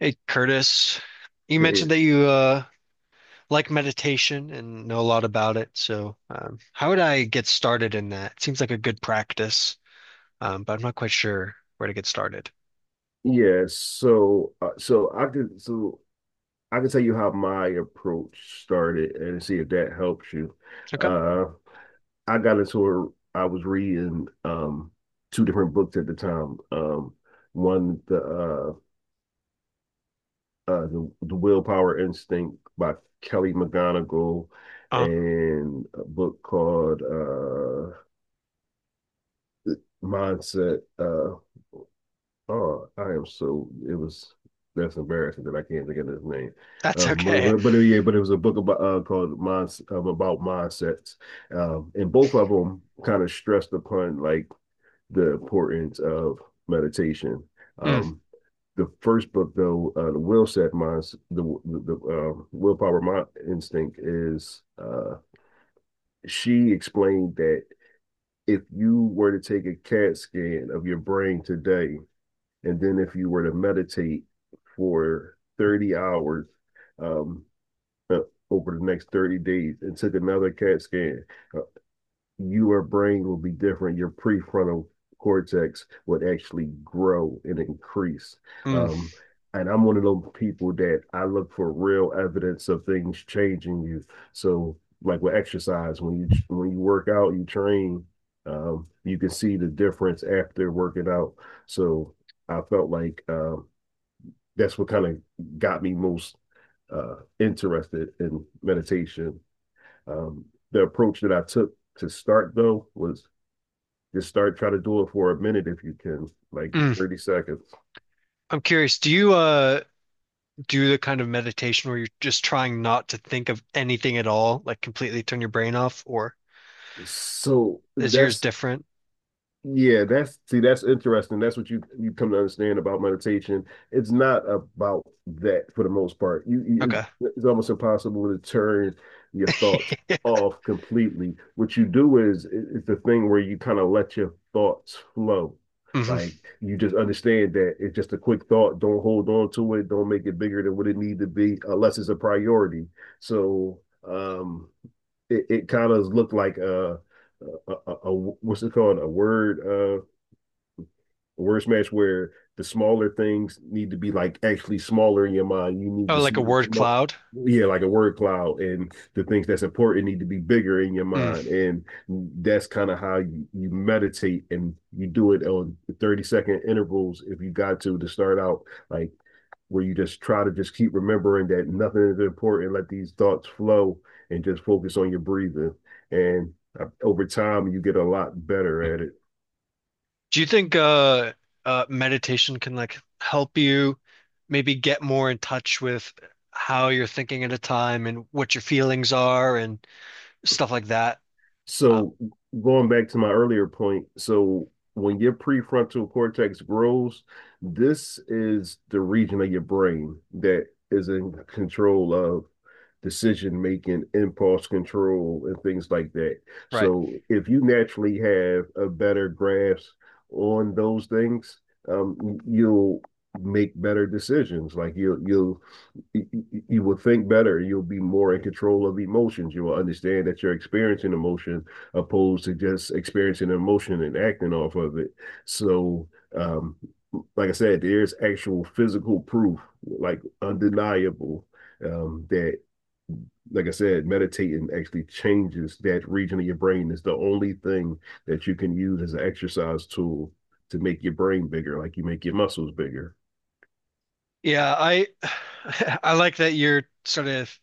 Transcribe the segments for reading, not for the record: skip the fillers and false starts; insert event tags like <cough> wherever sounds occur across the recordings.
Hey Curtis, you Hey. mentioned that you like meditation and know a lot about it. So, how would I get started in that? It seems like a good practice, but I'm not quite sure where to get started. Yeah, so I can tell you how my approach started and see if that helps you. Okay. Uh, I got into I was reading two different books at the time. One, the Willpower Instinct by Kelly McGonigal, Oh, and a book called Mindset. Oh, I am so it was that's embarrassing that I can't think of his name. that's Um, <laughs> but, okay. but, but yeah, but it was a book about called Minds about mindsets, and both of them kind of stressed upon like the importance of meditation. Mm, Um, the first book though, the Willpower Mind Instinct is she explained that if you were to take a CAT scan of your brain today, and then if you were to meditate for 30 hours, um, uh, over the next 30 days, and took another CAT scan, your brain will be different. Your prefrontal cortex would actually grow and increase. mm, Um, and I'm one of those people that I look for real evidence of things changing you. So, like with exercise, when you work out, you train, you can see the difference after working out. So, I felt like that's what kind of got me most interested in meditation. Um, the approach that I took to start though was just start, try to do it for a minute if you can, like mm. 30 seconds. I'm curious. Do you do the kind of meditation where you're just trying not to think of anything at all, like completely turn your brain off, or Yes. So is yours that's different? Yeah, that's interesting. That's what you come to understand about meditation. It's not about that for the most part. You Okay. It's almost impossible to turn your <laughs> thoughts off completely. What you do is it's the thing where you kind of let your thoughts flow. Hmm. Like, you just understand that it's just a quick thought. Don't hold on to it. Don't make it bigger than what it need to be, unless it's a priority. So, um, it kind of looked like a, what's it called, a word the worst match, where the smaller things need to be like actually smaller in your mind. You need Oh, to like a see them word small. cloud? Yeah, like a word cloud, and the things that's important need to be bigger in your Mm. mind, and that's kind of how you meditate, and you do it on 30-second intervals if you got to start out, like, where you just try to just keep remembering that nothing is important. Let these thoughts flow, and just focus on your breathing, and over time you get a lot better at it. Do you think meditation can like help you maybe get more in touch with how you're thinking at a time and what your feelings are and stuff like that? Um, So, going back to my earlier point, so when your prefrontal cortex grows, this is the region of your brain that is in control of decision making, impulse control, and things like that. right. So if you naturally have a better grasp on those things, you'll make better decisions. Like, you will think better. You'll be more in control of emotions. You will understand that you're experiencing emotion opposed to just experiencing emotion and acting off of it. So, um, like I said, there's actual physical proof, like undeniable, that, like I said, meditating actually changes that region of your brain. It's the only thing that you can use as an exercise tool to make your brain bigger, like you make your muscles bigger. Yeah, I <sighs> <laughs> I like that you're sort of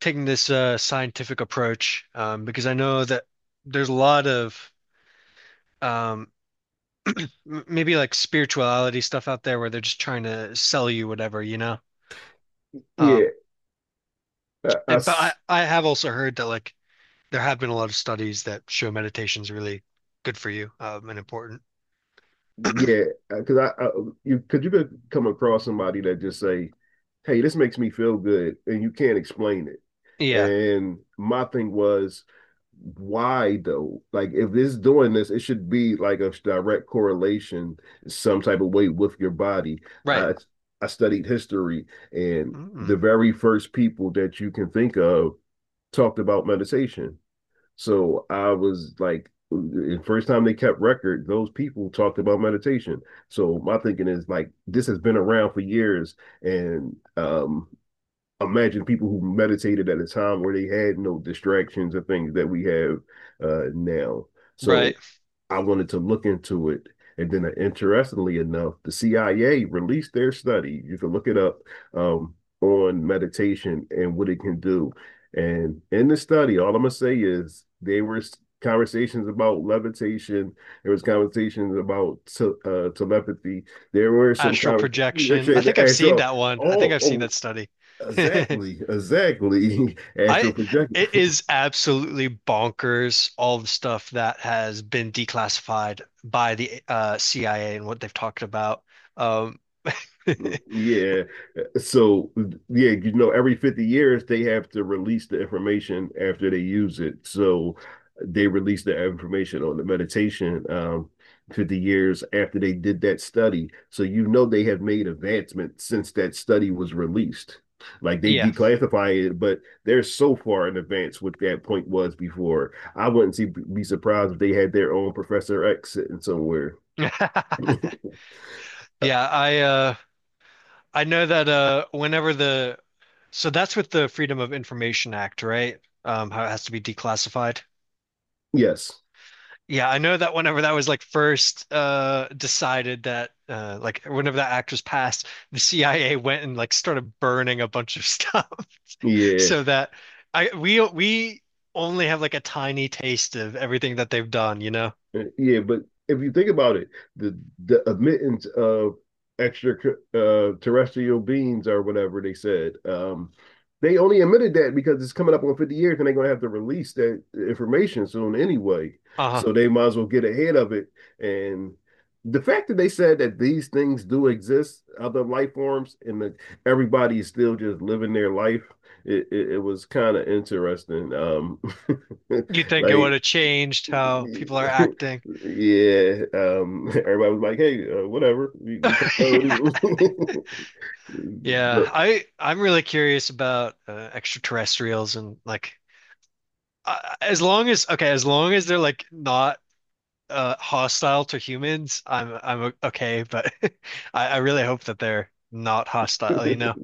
taking this scientific approach because I know that there's a lot of um, maybe like spirituality stuff out there where they're just trying to sell you whatever, Yeah. Um, I. I but I have also heard that like there have been a lot of studies that show meditation's really good for you, and important. Yeah, because I you because you could come across somebody that just say, "Hey, this makes me feel good," and you can't explain it. Yeah, And my thing was, why though? Like, if it's doing this, it should be like a direct correlation, some type of way with your body. right. I studied history, and Mm, the very first people that you can think of talked about meditation. So I was like, the first time they kept record, those people talked about meditation. So my thinking is like, this has been around for years, and imagine people who meditated at a time where they had no distractions or things that we have now. right. So I wanted to look into it. And then, interestingly enough, the CIA released their study. You can look it up, um, on meditation and what it can do. And in the study, all I'm gonna say is there were conversations about levitation. There was conversations about telepathy. There were some Astral conversations, projection. I actually, think I've seen astro. that one. I think Oh, I've seen that study. <laughs> exactly, exactly. <laughs> Astral I projector. it is absolutely bonkers all the stuff that has been declassified by the CIA and what they've talked about. Um, <laughs> Yeah. So, yeah, every 50 years they have to release the information after they use it. So they release the information on the meditation 50 years after they did that study. So you know they have made advancement since that study was released. Like, they yeah. declassify it, but they're so far in advance what that point was before. I wouldn't see, be surprised if they had their own Professor X sitting somewhere. <laughs> Yeah, I know that whenever the so that's with the Freedom of Information Act, right? How it has to be declassified. Yes. Yeah, I know that whenever that was like first decided that like whenever that act was passed, the CIA went and like started burning a bunch of stuff <laughs> Yeah. so that I we only have like a tiny taste of everything that they've done, you know? Yeah. But if you think about it, the admittance of extra terrestrial beings or whatever they said, they only admitted that because it's coming up on 50 years and they're going to have to release that information soon anyway. Uh-huh. So they might as well get ahead of it. And the fact that they said that these things do exist, other life forms, and that everybody is still just living their life, it was kind of interesting. You <laughs> think it would Like, have changed how people yeah, are acting? <laughs> Everybody was like, "Hey, whatever, we kind of <laughs> already." <laughs> Yeah. Yeah, I'm really curious about extraterrestrials and like as long as okay, as long as they're like not hostile to humans, I'm okay, but <laughs> I really hope that they're not hostile, you The- know.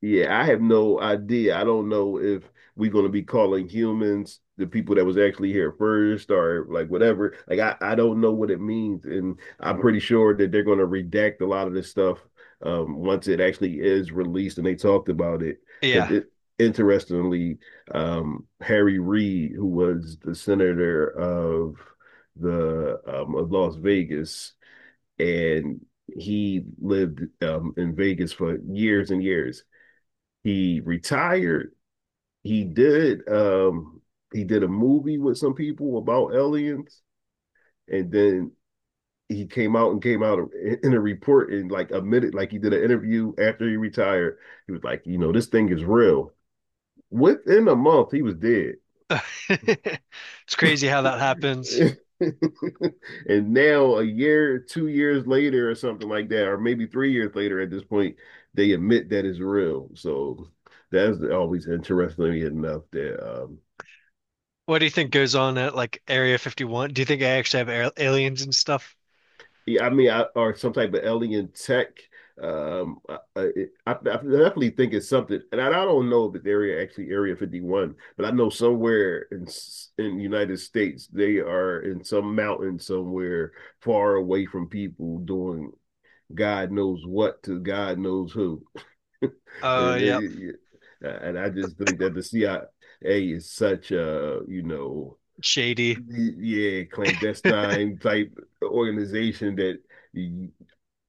Yeah, I have no idea. I don't know if we're going to be calling humans the people that was actually here first or like whatever. Like I don't know what it means, and I'm pretty sure that they're going to redact a lot of this stuff, once it actually is released and they talked about it. Yeah. Because it, interestingly, Harry Reid, who was the senator of the of Las Vegas, and he lived, in Vegas for years and years. He retired. He did um he did a movie with some people about aliens, and then he came out and came out in a report and like admitted, like, he did an interview after he retired. He was like, "You know, this thing is real." Within a month, he was dead. <laughs> It's crazy how that happens. <laughs> And now a year, 2 years later, or something like that, or maybe 3 years later at this point, they admit that it's real. So that's always interesting enough that, What do you think goes on at like Area 51? Do you think I actually have aliens and stuff? yeah, I mean, or some type of alien tech. Um, I, I definitely think it's something, and I don't know if it's area actually Area 51, but I know somewhere in United States they are in some mountain somewhere far away from people doing God knows what to God knows who, <laughs> and Yep. it, and I just think that the CIA is such a, you know, Shady yeah, clandestine type organization that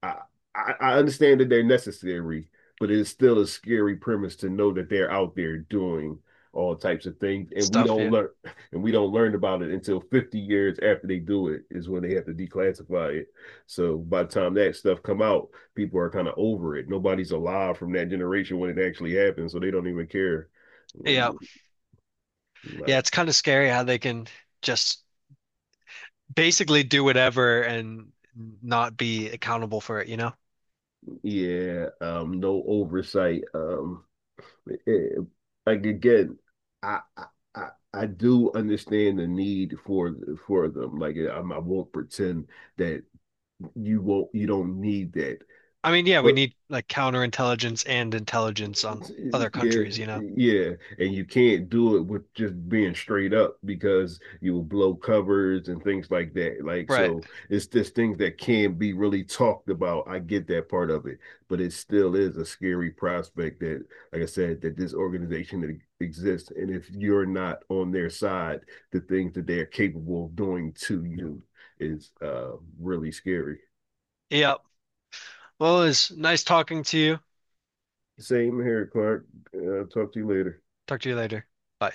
I, I understand that they're necessary, but it is still a scary premise to know that they're out there doing all types of things, and we stuff, don't yeah. learn, <laughs> and we don't learn about it until 50 years after they do it is when they have to declassify it. So by the time that stuff come out, people are kind of over it. Nobody's alive from that generation when it actually happens, so they don't even care. Yeah. Yeah, Like, it's kind of scary how they can just basically do whatever and not be accountable for it, you know? yeah, no oversight. Eh, like, again, I, I I do understand the need for them. Like, I will not pretend that you don't need that. I mean, yeah, we But need like counterintelligence and intelligence on other yeah, countries, you know? yeah, and you can't do it with just being straight up because you will blow covers and things like that. Like, Right. so it's just things that can not be really talked about. I get that part of it, but it still is a scary prospect that, like I said, that this organization that exists, and if you're not on their side, the things that they are capable of doing to you is really scary. Yep. Well, it was nice talking to you. Same here, Clark. Talk to you later. Talk to you later. Bye.